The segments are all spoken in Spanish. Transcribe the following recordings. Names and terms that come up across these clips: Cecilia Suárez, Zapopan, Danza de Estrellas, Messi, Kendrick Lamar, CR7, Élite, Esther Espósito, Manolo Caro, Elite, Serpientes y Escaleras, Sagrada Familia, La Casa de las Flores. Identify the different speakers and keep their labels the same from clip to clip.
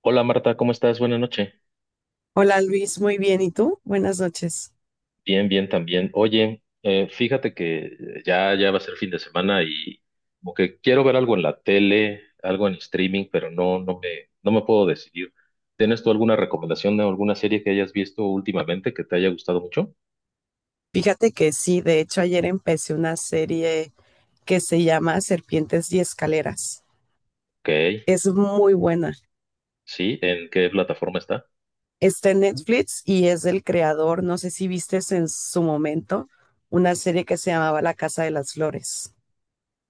Speaker 1: Hola Marta, ¿cómo estás? Buenas noches.
Speaker 2: Hola Luis, muy bien. ¿Y tú? Buenas noches.
Speaker 1: Bien, bien también. Oye, fíjate que va a ser fin de semana y como que quiero ver algo en la tele, algo en streaming, pero no me puedo decidir. ¿Tienes tú alguna recomendación de alguna serie que hayas visto últimamente que te haya gustado mucho?
Speaker 2: Fíjate que sí, de hecho ayer empecé una serie que se llama Serpientes y Escaleras.
Speaker 1: Ok,
Speaker 2: Es muy buena.
Speaker 1: sí, ¿en qué plataforma está?
Speaker 2: Está en Netflix y es del creador, no sé si vistes en su momento, una serie que se llamaba La Casa de las Flores.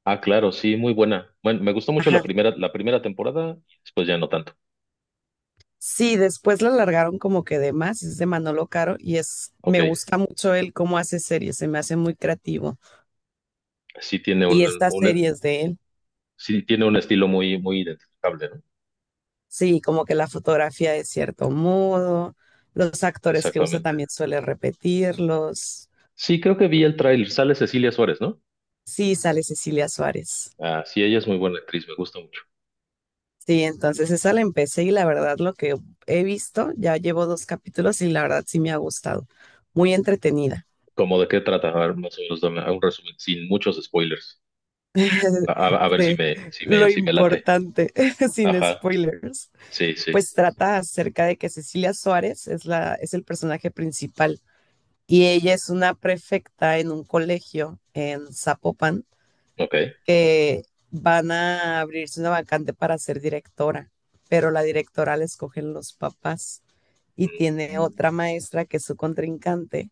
Speaker 1: Ah, claro, sí, muy buena. Bueno, me gustó mucho la
Speaker 2: Ajá.
Speaker 1: primera, la primera temporada y después ya no tanto.
Speaker 2: Sí, después la alargaron como que de más, es de Manolo Caro y es,
Speaker 1: Ok,
Speaker 2: me gusta mucho él cómo hace series, se me hace muy creativo.
Speaker 1: sí tiene
Speaker 2: Y estas series de él.
Speaker 1: sí tiene un estilo muy identificable, ¿no?
Speaker 2: Sí, como que la fotografía de cierto modo, los actores que usa
Speaker 1: Exactamente.
Speaker 2: también suele repetirlos.
Speaker 1: Sí, creo que vi el tráiler. Sale Cecilia Suárez, ¿no?
Speaker 2: Sí, sale Cecilia Suárez.
Speaker 1: Ah, sí, ella es muy buena actriz, me gusta mucho.
Speaker 2: Sí, entonces esa la empecé y la verdad lo que he visto, ya llevo dos capítulos y la verdad sí me ha gustado. Muy entretenida.
Speaker 1: ¿Cómo de qué trata? A ver, más o menos dame un resumen, sin muchos spoilers. A ver si
Speaker 2: De
Speaker 1: me, si me,
Speaker 2: lo
Speaker 1: si me late.
Speaker 2: importante, sin
Speaker 1: Ajá,
Speaker 2: spoilers,
Speaker 1: sí, sí,
Speaker 2: pues trata acerca de que Cecilia Suárez es el personaje principal y ella es una prefecta en un colegio en Zapopan
Speaker 1: ok.
Speaker 2: que van a abrirse una vacante para ser directora, pero la directora la escogen los papás y tiene
Speaker 1: Mm,
Speaker 2: otra maestra que es su contrincante,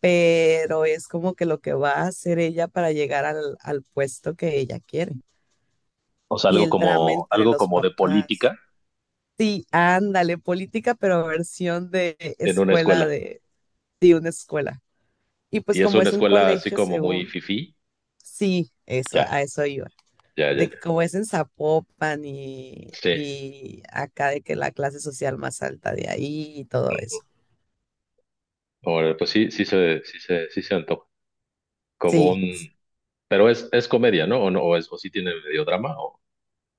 Speaker 2: pero es como que lo que va a hacer ella para llegar al puesto que ella quiere.
Speaker 1: o sea,
Speaker 2: Y
Speaker 1: algo
Speaker 2: el drama
Speaker 1: como,
Speaker 2: entre
Speaker 1: algo
Speaker 2: los
Speaker 1: como de
Speaker 2: papás.
Speaker 1: política
Speaker 2: Sí, ándale, política, pero versión de
Speaker 1: en una
Speaker 2: escuela,
Speaker 1: escuela.
Speaker 2: de, una escuela. Y pues
Speaker 1: Y es
Speaker 2: como
Speaker 1: una
Speaker 2: es un
Speaker 1: escuela así
Speaker 2: colegio,
Speaker 1: como muy
Speaker 2: según,
Speaker 1: fifí.
Speaker 2: sí, eso,
Speaker 1: Ya,
Speaker 2: a eso iba.
Speaker 1: ya, ya,
Speaker 2: De que
Speaker 1: ya.
Speaker 2: como es en Zapopan
Speaker 1: Sí.
Speaker 2: y acá de que la clase social más alta de ahí y todo
Speaker 1: Mm,
Speaker 2: eso.
Speaker 1: ahora, pues sí, sí se antoja. Como
Speaker 2: Sí,
Speaker 1: un, pero es comedia, ¿no? O no, o es, o sí tiene medio drama, o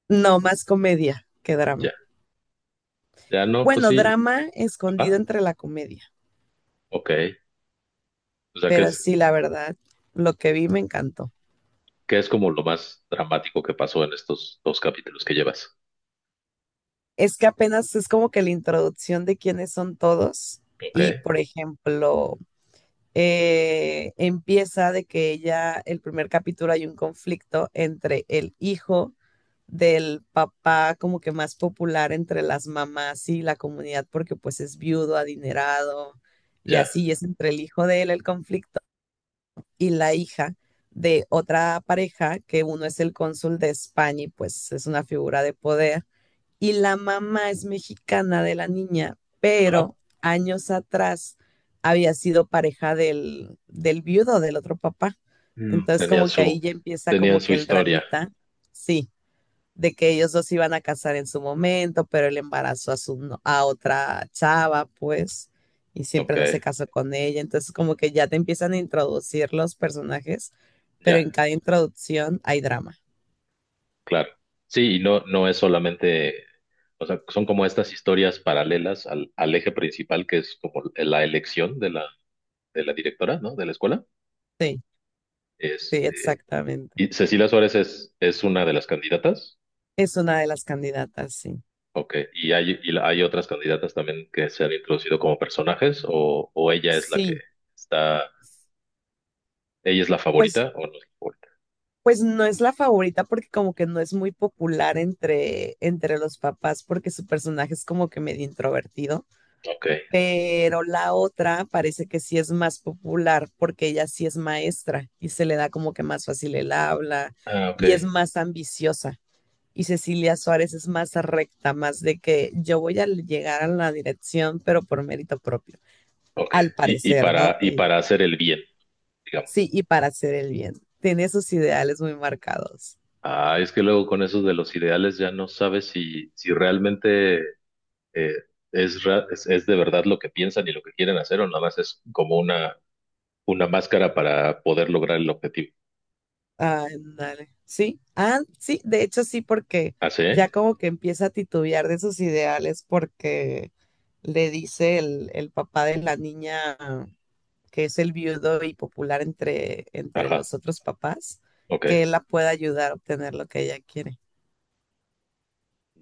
Speaker 2: no más comedia que drama.
Speaker 1: ya. Ya no, pues
Speaker 2: Bueno,
Speaker 1: sí.
Speaker 2: drama escondido
Speaker 1: Ajá.
Speaker 2: entre la comedia,
Speaker 1: Ok. O sea,
Speaker 2: pero sí, la verdad, lo que vi me encantó.
Speaker 1: qué es como lo más dramático que pasó en estos dos capítulos que llevas?
Speaker 2: Es que apenas es como que la introducción de quiénes son todos
Speaker 1: Ok,
Speaker 2: y, por ejemplo, empieza de que ella, el primer capítulo hay un conflicto entre el hijo del papá como que más popular entre las mamás y la comunidad porque pues es viudo, adinerado y
Speaker 1: ya.
Speaker 2: así y es entre el hijo de él el conflicto y la hija de otra pareja que uno es el cónsul de España y pues es una figura de poder y la mamá es mexicana de la niña,
Speaker 1: Ajá.
Speaker 2: pero años atrás había sido pareja del, viudo, del otro papá.
Speaker 1: Mm,
Speaker 2: Entonces como que ahí ya empieza
Speaker 1: Tenían
Speaker 2: como
Speaker 1: su
Speaker 2: que el
Speaker 1: historia.
Speaker 2: dramita, sí, de que ellos dos se iban a casar en su momento, pero él embarazó a, su, no- a otra chava, pues, y
Speaker 1: Ok,
Speaker 2: siempre no se casó con ella. Entonces como que ya te empiezan a introducir los personajes, pero
Speaker 1: ya,
Speaker 2: en cada introducción hay drama.
Speaker 1: claro. Sí, y no, no es solamente, o sea, son como estas historias paralelas al eje principal que es como la elección de la directora, ¿no? De la escuela.
Speaker 2: Sí, sí,
Speaker 1: Este,
Speaker 2: exactamente.
Speaker 1: y Cecilia Suárez es una de las candidatas.
Speaker 2: Es una de las candidatas, sí.
Speaker 1: Ok, ¿ hay otras candidatas también que se han introducido como personajes o ella es la que
Speaker 2: Sí,
Speaker 1: está, ¿ella es la
Speaker 2: pues,
Speaker 1: favorita o no es la favorita?
Speaker 2: pues no es la favorita porque como que no es muy popular entre los papás porque su personaje es como que medio introvertido,
Speaker 1: Ok,
Speaker 2: pero la otra parece que sí es más popular porque ella sí es maestra y se le da como que más fácil el habla
Speaker 1: ah, ok,
Speaker 2: y es más ambiciosa. Y Cecilia Suárez es más recta, más de que yo voy a llegar a la dirección, pero por mérito propio,
Speaker 1: ok.
Speaker 2: al
Speaker 1: Y, y
Speaker 2: parecer, ¿no?
Speaker 1: para, y
Speaker 2: Ella.
Speaker 1: para hacer el bien, digamos.
Speaker 2: Sí, y para hacer el bien. Tiene sus ideales muy marcados.
Speaker 1: Ah, es que luego con esos de los ideales ya no sabes si, si realmente eh, es de verdad lo que piensan y lo que quieren hacer o nada más es como una máscara para poder lograr el objetivo.
Speaker 2: Ah, ándale, sí, ah, sí, de hecho sí, porque
Speaker 1: ¿Ah, sí?
Speaker 2: ya como que empieza a titubear de sus ideales porque le dice el, papá de la niña, que es el viudo y popular entre
Speaker 1: Ajá,
Speaker 2: los otros papás,
Speaker 1: ok,
Speaker 2: que él la pueda ayudar a obtener lo que ella quiere.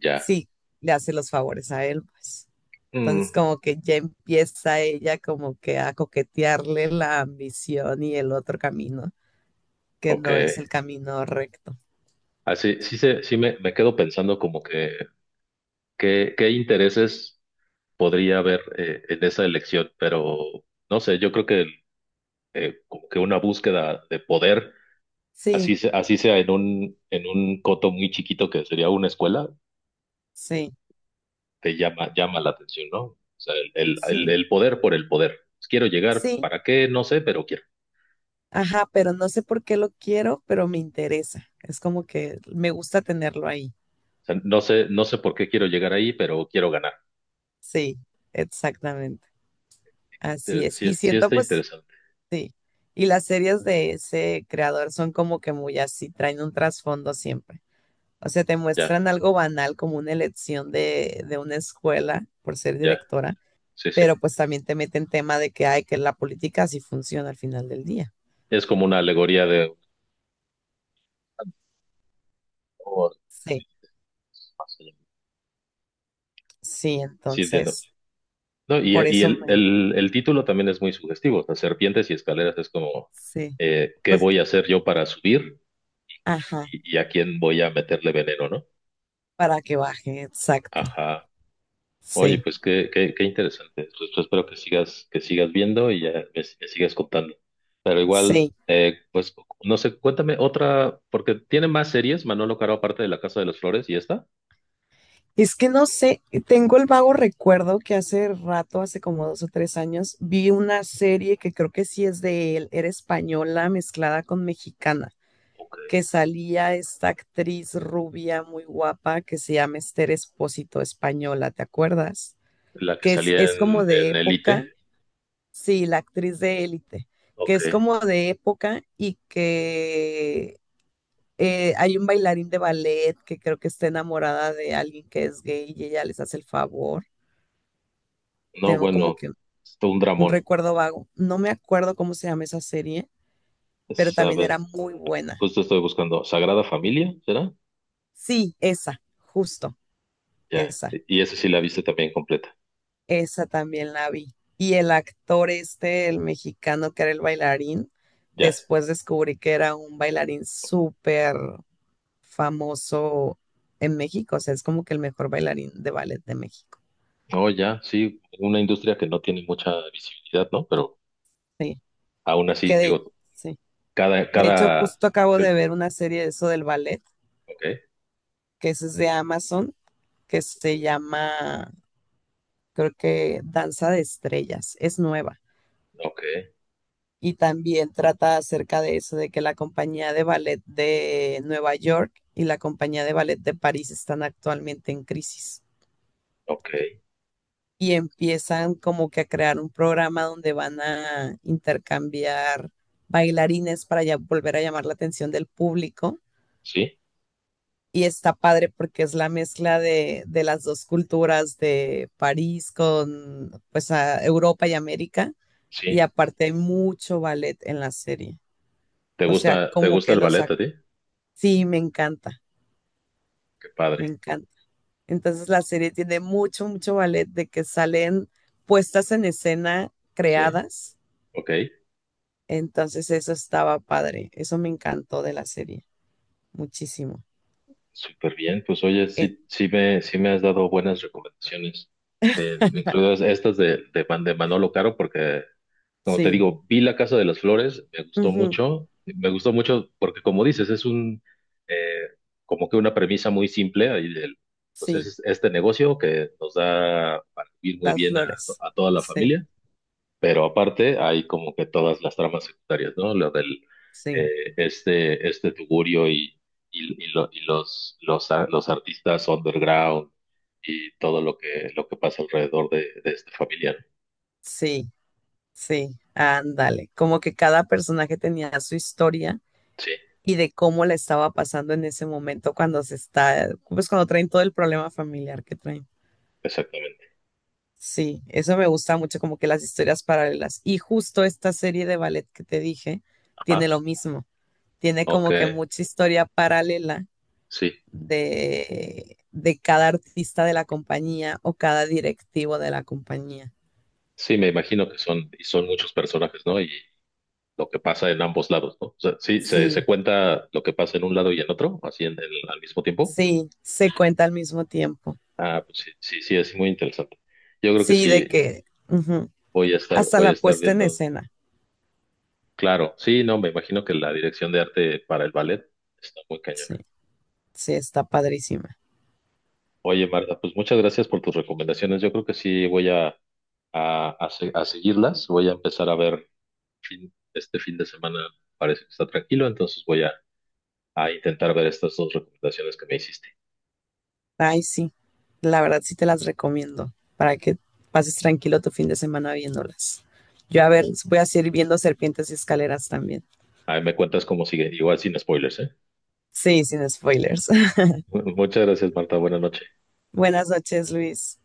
Speaker 1: ya.
Speaker 2: Sí, le hace los favores a él, pues.
Speaker 1: Mm,
Speaker 2: Entonces como que ya empieza ella como que a coquetearle la ambición y el otro camino, que
Speaker 1: ok.
Speaker 2: no es el camino recto.
Speaker 1: Así, me quedo pensando como que qué intereses podría haber en esa elección, pero no sé, yo creo que como que una búsqueda de poder,
Speaker 2: Sí,
Speaker 1: así sea en un coto muy chiquito que sería una escuela,
Speaker 2: sí.
Speaker 1: te llama, llama la atención, ¿no? O sea, el, el, el-
Speaker 2: Sí,
Speaker 1: el poder por el poder. Pues, quiero llegar,
Speaker 2: sí,
Speaker 1: ¿para qué? No sé, pero quiero.
Speaker 2: ajá, pero no sé por qué lo quiero, pero me interesa. Es como que me gusta tenerlo ahí.
Speaker 1: O sea, no sé, no sé por qué quiero llegar ahí, pero quiero ganar.
Speaker 2: Sí, exactamente. Así
Speaker 1: Si
Speaker 2: es.
Speaker 1: sí,
Speaker 2: Y
Speaker 1: sí
Speaker 2: siento
Speaker 1: está
Speaker 2: pues,
Speaker 1: interesante.
Speaker 2: sí. Y las series de ese creador son como que muy así, traen un trasfondo siempre. O sea, te
Speaker 1: Ya,
Speaker 2: muestran algo banal como una elección de, una escuela por ser
Speaker 1: ya,
Speaker 2: directora,
Speaker 1: sí, sí.
Speaker 2: pero pues también te meten tema de que hay que la política así funciona al final del día.
Speaker 1: Es como una alegoría de... o
Speaker 2: Sí,
Speaker 1: fácil.
Speaker 2: sí,
Speaker 1: Sí, entiendo.
Speaker 2: entonces,
Speaker 1: No,
Speaker 2: por
Speaker 1: y
Speaker 2: eso
Speaker 1: el,
Speaker 2: me...
Speaker 1: el, el título también es muy sugestivo. O sea, Serpientes y Escaleras es como,
Speaker 2: Sí,
Speaker 1: ¿qué
Speaker 2: pues,
Speaker 1: voy a hacer yo para subir
Speaker 2: ajá,
Speaker 1: y a quién voy a meterle veneno, ¿no?
Speaker 2: para que baje, exacto.
Speaker 1: Ajá. Oye,
Speaker 2: Sí,
Speaker 1: pues qué, qué interesante. Pues, pues, espero que sigas viendo y ya me sigas contando. Pero igual,
Speaker 2: sí.
Speaker 1: pues no sé, cuéntame otra, porque tiene más series, Manolo Caro, aparte de La Casa de las Flores y esta.
Speaker 2: Es que no sé, tengo el vago recuerdo que hace rato, hace como 2 o 3 años, vi una serie que creo que sí es de él, era española mezclada con mexicana,
Speaker 1: Ok.
Speaker 2: que salía esta actriz rubia muy guapa que se llama Esther Espósito española, ¿te acuerdas?
Speaker 1: La que
Speaker 2: Que es,
Speaker 1: salía
Speaker 2: es como de
Speaker 1: en
Speaker 2: época,
Speaker 1: Elite.
Speaker 2: sí, la actriz de Élite, que
Speaker 1: Ok.
Speaker 2: es como de época y que hay un bailarín de ballet que creo que está enamorada de alguien que es gay y ella les hace el favor.
Speaker 1: No,
Speaker 2: Tengo como
Speaker 1: bueno,
Speaker 2: que
Speaker 1: es todo un
Speaker 2: un
Speaker 1: dramón.
Speaker 2: recuerdo vago. No me acuerdo cómo se llama esa serie, pero
Speaker 1: Es, a
Speaker 2: también
Speaker 1: ver,
Speaker 2: era muy buena.
Speaker 1: justo estoy buscando Sagrada Familia, ¿será?
Speaker 2: Sí, esa, justo,
Speaker 1: Ya.
Speaker 2: esa.
Speaker 1: Y esa sí la viste también completa.
Speaker 2: Esa también la vi. Y el actor este, el mexicano que era el bailarín,
Speaker 1: Ya.
Speaker 2: después descubrí que era un bailarín súper famoso en México. O sea, es como que el mejor bailarín de ballet de México.
Speaker 1: No, ya, sí, una industria que no tiene mucha visibilidad, ¿no? Pero
Speaker 2: Sí,
Speaker 1: aún así,
Speaker 2: que de...
Speaker 1: digo,
Speaker 2: sí.
Speaker 1: cada,
Speaker 2: De hecho,
Speaker 1: cada,
Speaker 2: justo acabo
Speaker 1: que-
Speaker 2: de ver una serie de eso del ballet,
Speaker 1: ok,
Speaker 2: que es de Amazon, que se llama, creo que Danza de Estrellas, es nueva.
Speaker 1: ok,
Speaker 2: Y también trata acerca de eso, de que la compañía de ballet de Nueva York y la compañía de ballet de París están actualmente en crisis.
Speaker 1: ok,
Speaker 2: Y empiezan como que a crear un programa donde van a intercambiar bailarines para ya volver a llamar la atención del público.
Speaker 1: sí,
Speaker 2: Y está padre porque es la mezcla de, las dos culturas de París con pues a Europa y América. Y
Speaker 1: sí.
Speaker 2: aparte hay mucho ballet en la serie. O sea,
Speaker 1: Te
Speaker 2: como
Speaker 1: gusta
Speaker 2: que
Speaker 1: el ballet a ti?
Speaker 2: sí, me encanta,
Speaker 1: Qué padre,
Speaker 2: me encanta. Entonces la serie tiene mucho, mucho ballet de que salen puestas en escena
Speaker 1: sí,
Speaker 2: creadas.
Speaker 1: ok,
Speaker 2: Entonces eso estaba padre. Eso me encantó de la serie. Muchísimo.
Speaker 1: súper bien. Pues oye,
Speaker 2: Eh,
Speaker 1: sí, sí me has dado buenas recomendaciones, incluidas estas de, de Manolo Caro, porque como te
Speaker 2: sí,
Speaker 1: digo, vi La Casa de las Flores,
Speaker 2: ujú,
Speaker 1: me gustó mucho porque como dices, es un, eh, como que una premisa muy simple, pues
Speaker 2: sí,
Speaker 1: es este negocio que nos da para vivir muy
Speaker 2: las
Speaker 1: bien a,
Speaker 2: flores.
Speaker 1: a toda la
Speaker 2: Sí,
Speaker 1: familia, pero aparte hay como que todas las tramas secundarias, ¿no?
Speaker 2: sí.
Speaker 1: Este tugurio y los artistas underground y todo lo que pasa alrededor de este familiar.
Speaker 2: Sí, sí, ándale. Como que cada personaje tenía su historia
Speaker 1: Sí,
Speaker 2: y de cómo la estaba pasando en ese momento cuando se está, pues cuando traen todo el problema familiar que traen.
Speaker 1: exactamente.
Speaker 2: Sí, eso me gusta mucho, como que las historias paralelas. Y justo esta serie de ballet que te dije tiene
Speaker 1: Ajá,
Speaker 2: lo mismo. Tiene
Speaker 1: ok.
Speaker 2: como que mucha historia paralela
Speaker 1: Sí,
Speaker 2: de, cada artista de la compañía o cada directivo de la compañía.
Speaker 1: sí, me imagino que son, y son muchos personajes, ¿no? Y lo que pasa en ambos lados, ¿no? O sea, sí, se
Speaker 2: Sí,
Speaker 1: cuenta lo que pasa en un lado y en otro, así al mismo tiempo.
Speaker 2: sí, se cuenta al mismo tiempo.
Speaker 1: Ah, pues sí, sí, sí, es muy interesante. Yo creo que
Speaker 2: Sí, de
Speaker 1: sí,
Speaker 2: que ujú, hasta
Speaker 1: voy a
Speaker 2: la
Speaker 1: estar
Speaker 2: puesta en
Speaker 1: viendo.
Speaker 2: escena.
Speaker 1: Claro, sí, no, me imagino que la dirección de arte para el ballet está muy cañona.
Speaker 2: Sí, sí, está padrísima.
Speaker 1: Oye, Marta, pues muchas gracias por tus recomendaciones. Yo creo que sí voy a, a seguirlas. Voy a empezar a ver este fin de semana, parece que está tranquilo, entonces voy a intentar ver estas dos recomendaciones que me hiciste.
Speaker 2: Ay, sí, la verdad sí te las recomiendo para que pases tranquilo tu fin de semana viéndolas. Yo a ver, voy a seguir viendo Serpientes y Escaleras también.
Speaker 1: Ahí me cuentas cómo sigue, igual sin spoilers, ¿eh?
Speaker 2: Sí, sin spoilers.
Speaker 1: Muchas gracias, Marta. Buenas noches.
Speaker 2: Buenas noches, Luis.